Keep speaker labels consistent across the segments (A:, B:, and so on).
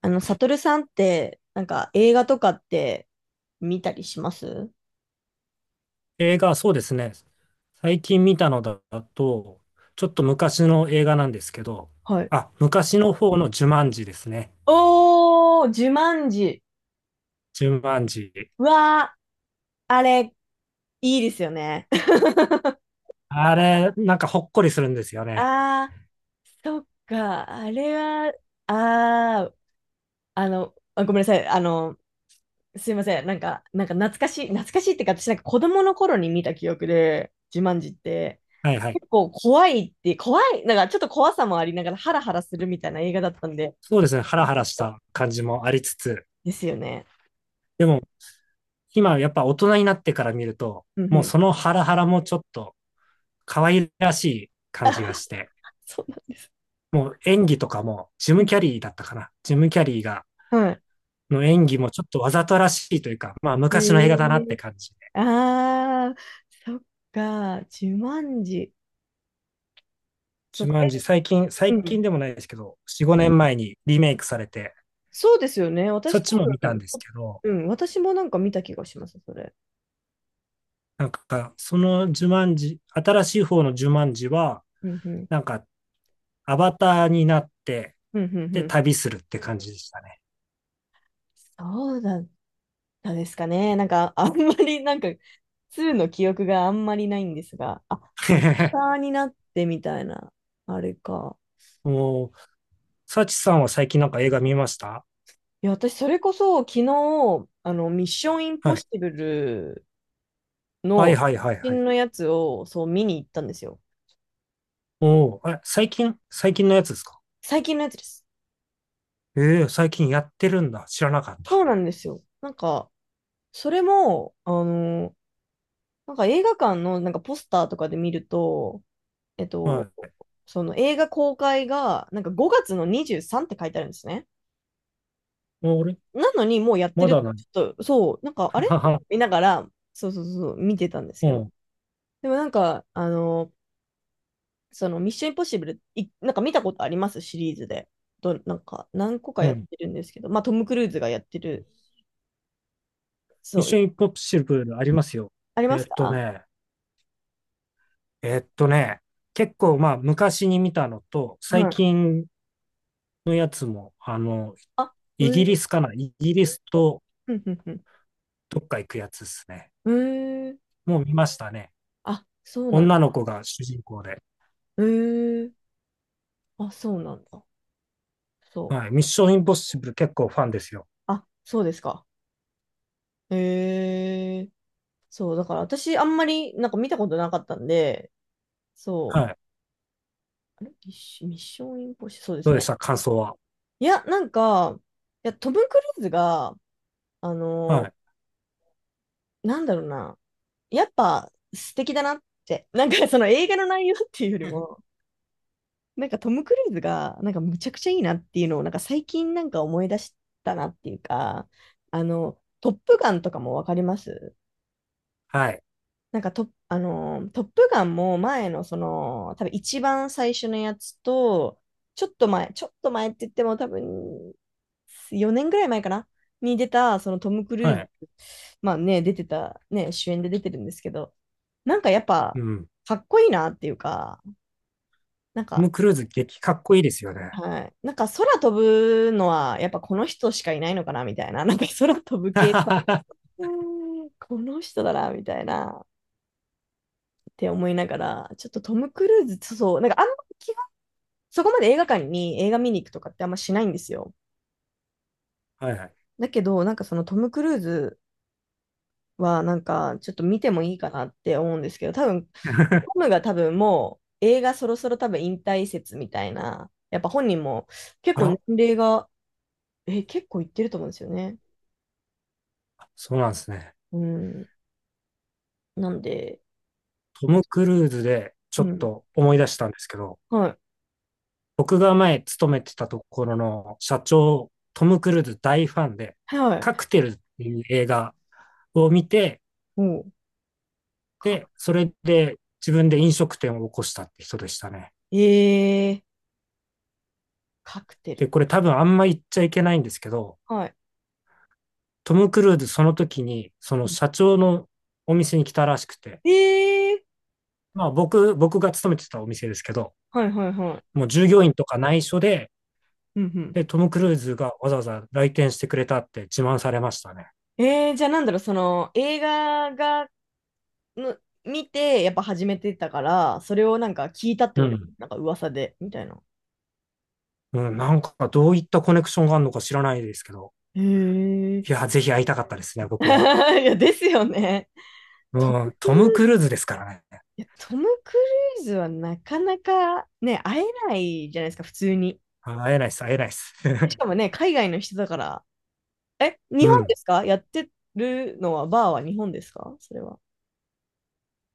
A: サトルさんって、なんか映画とかって見たりします？
B: 映画、そうですね。最近見たのだと、ちょっと昔の映画なんですけど、
A: はい。
B: あ、昔の方のジュマンジですね。
A: おー、ジュマンジ。
B: ジュマンジ。
A: うわー、あれ、いいですよね。
B: あれ、なんかほっこりするんですよね。
A: あそっか、あれは、あー、あ、ごめんなさい、すいません、なんか懐かしい、懐かしいってか、私なんか子供の頃に見た記憶で、ジュマンジって、
B: はいはい。
A: 結構怖いって、怖い、なんかちょっと怖さもありながらハラハラするみたいな映画だったんで、
B: そうですね。ハラハ
A: ちょ
B: ラ
A: っ
B: し
A: と
B: た感じもありつつ、
A: ですよね。
B: でも今やっぱ大人になってから見ると、
A: うんう
B: もう
A: ん。
B: そのハラハラもちょっと可愛らしい 感じ
A: あ、
B: がして、
A: そうなんです。
B: もう演技とかもジ
A: う
B: ム・
A: ん。
B: キャリーだったかな。ジム・キャリーが、
A: は
B: の演技もちょっとわざとらしいというか、まあ
A: い。
B: 昔の映画だなっ
A: え
B: て
A: え、
B: 感じ。
A: ああー、そっか、自慢時。そっ
B: ジュ
A: か、
B: マンジ、
A: え、
B: 最近、
A: う
B: 最近
A: ん。
B: でもないですけど、4、5年前にリメイクされて、
A: そうですよね。
B: そっ
A: 私多
B: ちも見たんで
A: 分、
B: す
A: そ
B: けど、
A: うん、私もなんか見た気がします、それ。
B: なんか、そのジュマンジ、新しい方のジュマンジは、
A: うん、うん。
B: なんか、アバターになって、
A: うん、うん、う
B: で、
A: ん。
B: 旅するって感じでしたね。
A: そうだったですかね。なんか、あんまり、なんか、2の記憶があんまりないんですが、あ、アッタ ーになってみたいな、あれか。
B: おー、サチさんは最近なんか映画見ました？
A: いや、私、それこそ、昨日、ミッションインポ
B: は
A: ッ
B: い。
A: シブル
B: はい
A: の、
B: はいはい
A: 最
B: は
A: 近
B: い。
A: のやつを、そう、見に行ったんですよ。
B: おー、あ、最近のやつですか？
A: 最近のやつです。
B: ええー、最近やってるんだ。知らなかっ
A: そ
B: た。
A: うなんですよ。なんか、それも、なんか映画館の、なんかポスターとかで見ると、えっ
B: は
A: と、
B: い。
A: その映画公開が、なんか5月の23って書いてあるんですね。
B: お、俺、
A: なのに、もうやって
B: ま
A: る、
B: だない。
A: ちょっと、そう、なんか、あ れ
B: はは。
A: 見ながら、そうそうそう、見てたんです
B: う
A: けど。
B: ん、
A: でもなんか、そのミッションインポッシブル、いなんか見たことありますシリーズで。なんか何個か
B: う
A: やっ
B: ん。
A: てるんですけど、まあトム・クルーズがやってる、そ
B: ミッ
A: う、
B: ションインポッシブルありますよ。
A: ありま
B: え
A: す
B: っと
A: か？
B: ね、えっとね、結構まあ昔に見たのと、最
A: はい。
B: 近のやつも、
A: あ、へ
B: イギ
A: ー、
B: リスかなイギリスと
A: ふんふんふん。
B: どっか行くやつですね。
A: へー。
B: もう見ましたね。
A: あ、そうなんだ。
B: 女の子が主人公で。
A: へー。あ、そうなんだ。そう。
B: はい。ミッションインポッシブル結構ファンですよ。
A: あ、そうですか。へー。そう、だから私あんまりなんか見たことなかったんで、
B: は
A: そう。
B: い。
A: あれミッションインポッシブル、そうで
B: ど
A: す
B: うでし
A: ね。
B: た、感想は？
A: いや、なんか、いや、トム・クルーズが、あ
B: は
A: の
B: い。
A: なんだろうな。やっぱ素敵だなって。なんかその映画の内容っていうよりも、なんかトム・クルーズがなんかむちゃくちゃいいなっていうのをなんか最近なんか思い出したなっていうか、トップガンとかもわかります？
B: はい。
A: なんかト、あのー、トップガンも前のその、多分一番最初のやつと、ちょっと前、ちょっと前って言っても多分4年ぐらい前かなに出た、そのトム・クル
B: は
A: ーズ、
B: い。
A: まあね、出てた、ね、主演で出てるんですけど、なんかやっ
B: う
A: ぱ、
B: ん。
A: かっこいいなっていうか、なん
B: ト
A: か、
B: ム・クルーズ激かっこいいですよね。
A: はい。なんか空飛ぶのは、やっぱこの人しかいないのかなみたいな、なんか空飛ぶ 系、
B: は
A: うんこの人だなみたいな。って思いながら、ちょっとトム・クルーズ、そうそう、なんかあんまそこまで映画館に映画見に行くとかってあんましないんですよ。
B: いはい。
A: だけど、なんかそのトム・クルーズは、なんかちょっと見てもいいかなって思うんですけど、多分、ト ムが多分もう映画そろそろ多分引退説みたいな、やっぱ本人も結
B: あ
A: 構年
B: ら、
A: 齢が、え、結構いってると思うんですよね。
B: そうなんですね。
A: うん。なんで、
B: トム・クルーズでちょ
A: う
B: っ
A: ん。
B: と思い出したんですけど、
A: は
B: 僕が前勤めてたところの社長、トム・クルーズ大ファンで、
A: い。はい。
B: カクテルっていう映画を見て、
A: もう、か、
B: で、それで自分で飲食店を起こしたって人でしたね。
A: えー、カクテ
B: で、
A: ル。
B: これ多分あんま言っちゃいけないんですけど、
A: はい。
B: トム・クルーズその時に、その社長のお店に来たらしくて、
A: えー、
B: まあ僕が勤めてたお店ですけど、
A: はいはいはい。
B: もう従業員とか内緒で
A: うん
B: で、トム・クルーズがわざわざ来店してくれたって自慢されましたね。
A: うん。じゃあなんだろう、その映画がの見て、やっぱ始めてたから、それをなんか聞いたって
B: う
A: こと、
B: ん。
A: なんか噂で、みたいな。
B: うん、なんかどういったコネクションがあるのか知らないですけど、
A: へ
B: い
A: え。
B: や、ぜひ会いたかったですね、
A: い
B: 僕も。
A: や、ですよね。ト
B: う
A: ム・
B: ん、
A: クル
B: ト
A: ー
B: ム・クルー
A: ズ、
B: ズですからね。
A: いや、トム・クルーズはなかなかね、会えないじゃないですか、普通に。
B: あ、会えないです、会えないです。
A: し かもね、海外の人だから。え、
B: う
A: 日本で
B: ん。
A: すか？やってるのは、バーは日本ですか？それは。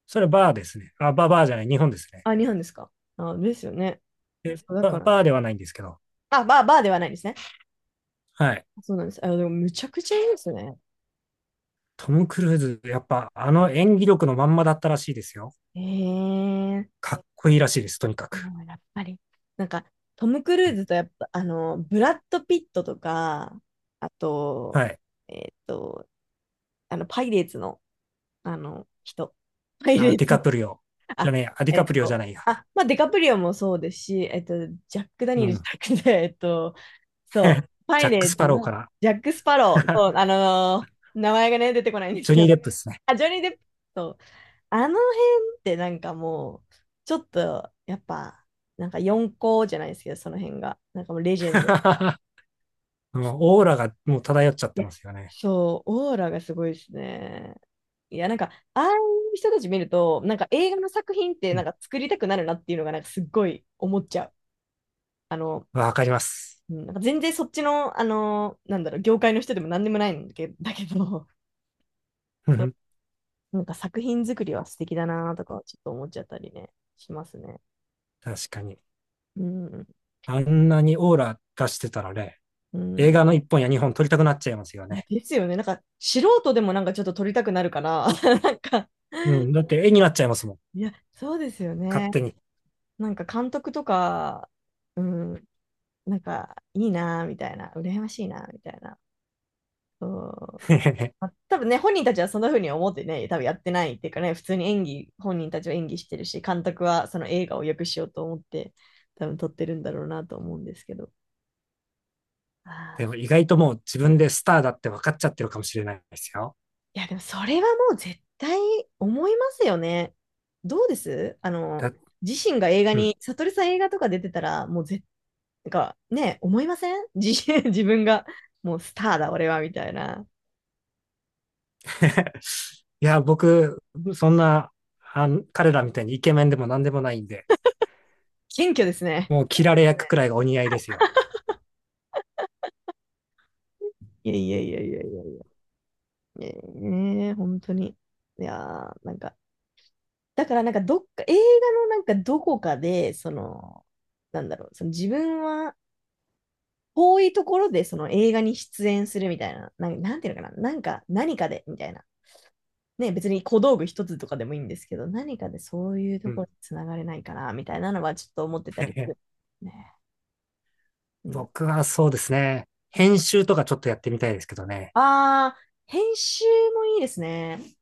B: それバーですね。あ、バー、バーじゃない、日本ですね。
A: あ、日本ですか？あ、ですよね。そう、だからね。
B: バーではないんですけど。
A: あ、バー、バーではないですね。
B: はい。
A: そうなんです。あ、でも、むちゃくちゃいいですね。
B: トム・クルーズ、やっぱあの演技力のまんまだったらしいですよ。
A: ええ、
B: かっこいいらしいです、とにかく。
A: やっぱり。なんか、トム・クルーズとやっぱ、ブラッド・ピットとか、あと、
B: はい。
A: えっと、パイレーツの、人。パイレ
B: あ、
A: ー
B: ディ
A: ツの、
B: カプリオ。じゃ
A: あ、
B: ねえや、あ、ディカプリオじゃないや。
A: まあ、デカプリオもそうですし、ジャック・ダ
B: う
A: ニエルじ
B: ん。
A: ゃなくて、そう、パ
B: ジャ
A: イ
B: ッ
A: レ
B: ク・ス
A: ーツ
B: パローか
A: の
B: ら
A: ジャック・スパロー、そう、名前がね、出てこないんです
B: ジョ
A: け
B: ニー・デ
A: ど、
B: ップですね。
A: あ、ジョニー・デップ。そう、あの辺ってなんかもう、ちょっと、やっぱ、なんか四校じゃないですけど、その辺が。なんかもうレジェンド。
B: もうオーラがもう漂っちゃっ
A: い
B: て
A: や、
B: ますよね。
A: そう、オーラがすごいですね。いや、なんか、ああいう人たち見ると、なんか映画の作品って
B: う
A: な
B: ん。
A: んか作りたくなるなっていうのが、なんかすっごい思っちゃう。あの、
B: わかります。
A: うんなんか全然そっちの、なんだろう、業界の人でも何でもないんだけど、
B: う
A: そ
B: ん、
A: う、なんか作品作りは素敵だなとか、ちょっと思っちゃったりね、しますね。
B: 確かに。
A: うん、
B: あんなにオーラ出してたらね、
A: う
B: 映
A: ん。
B: 画の1本や2本撮りたくなっちゃいますよ
A: いや、
B: ね。
A: ですよね。なんか、素人でもなんかちょっと撮りたくなるから、なんか、
B: うん。だって絵になっちゃいますもん。
A: いや、そうですよ
B: 勝
A: ね。
B: 手に。
A: なんか監督とか、うん、なんか、いいなぁ、みたいな、羨ましいなぁ、みたいな。そう、ま あ、多分ね、本人たちはそんな風に思ってね、多分やってないっていうかね、普通に演技、本人たちは演技してるし、監督はその映画を良くしようと思って、多分撮ってるんだろうなと思うんですけど。あ
B: でも
A: ー
B: 意外ともう自分でスターだって分かっちゃってるかもしれないですよ。
A: いや、でもそれはもう絶対思いますよね。どうです？
B: だ
A: 自身が映画
B: うん。
A: に、悟りさん映画とか出てたら、もうなんか、ね、思いません？ 自身、自分が、もうスターだ、俺は、みたいな。
B: いや、僕、そんな、彼らみたいにイケメンでも何でもないんで、
A: 謙虚ですね。
B: もう切られ役くらいがお似合いですよ。
A: いやいやいやいやいやいや、ええ本当に。いやーなんか、だからなんかどっか、映画のなんかどこかで、その、なんだろう、その自分は、遠いところでその映画に出演するみたいな、なんかなんていうのかな、なんか何かでみたいな、ね、別に小道具一つとかでもいいんですけど、何かでそういう
B: う
A: ところ
B: ん。
A: につながれないかな、みたいなのはちょっと思ってたりす
B: え
A: る。ね。うん、
B: 僕はそうですね。編集とかちょっとやってみたいですけどね。
A: ああ、編集もいいですね。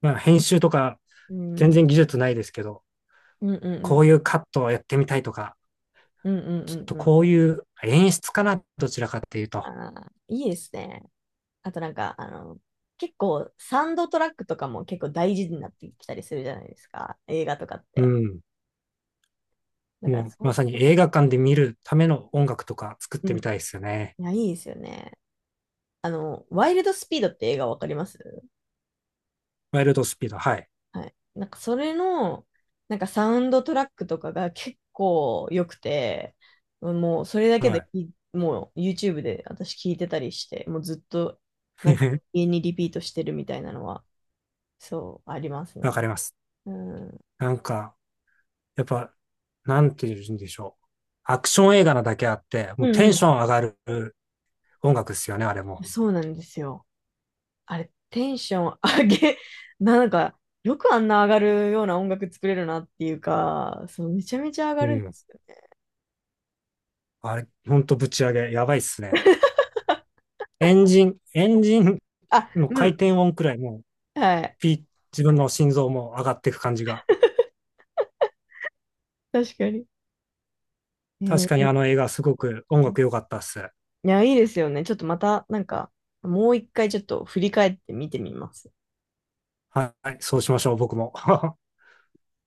B: まあ編集とか
A: うん、
B: 全
A: うん
B: 然技術ないですけど、
A: うんう
B: こう
A: ん。
B: いうカットをやってみたいとか、
A: うんうん
B: ち
A: う
B: ょっ
A: ん
B: と
A: うん。
B: こういう演出かな、どちらかっていうと。
A: ああ、いいですね。あとなんか、結構サウンドトラックとかも結構大事になってきたりするじゃないですか。映画とかっ
B: う
A: て。
B: ん。
A: だから
B: もうま
A: そ
B: さに映画館で見るための音楽とか作っ
A: う、う
B: て
A: ん。
B: みたいですよね。
A: いや、いいですよね。ワイルドスピードって映画わかります？
B: ワイルドスピード、はい。
A: はい。なんかそれの、なんかサウンドトラックとかが結構良くて、もうそれだけ
B: はい。
A: もう YouTube で私聞いてたりして、もうずっとなんか 家にリピートしてるみたいなのは、そう、あります
B: わ
A: ね。
B: かります。
A: うん。う
B: なんか、やっぱ、なんて言うんでしょう。アクション映画なだけあって、
A: ん
B: もうテンシ
A: う
B: ョン上がる音楽ですよね、あれ
A: ん。
B: も。
A: そうなんですよ。あれ、テンション上げ、なんか、よくあんな上がるような音楽作れるなっていうか、そう、めちゃめちゃ上が
B: う
A: るんで
B: ん。
A: すよ。
B: あれ、ほんとぶち上げ、やばいっすね。エンジン
A: あ、
B: の
A: う
B: 回
A: ん。
B: 転音くらいもう、
A: はい。
B: ピー、自分の心臓も上がっていく感じが。
A: 確かに。え
B: 確かに
A: ー
B: あの映画すごく音楽良かったっす。
A: いや、いいですよね。ちょっとまた、なんか、もう一回ちょっと振り返って見てみます。
B: はい、そうしましょう、僕も。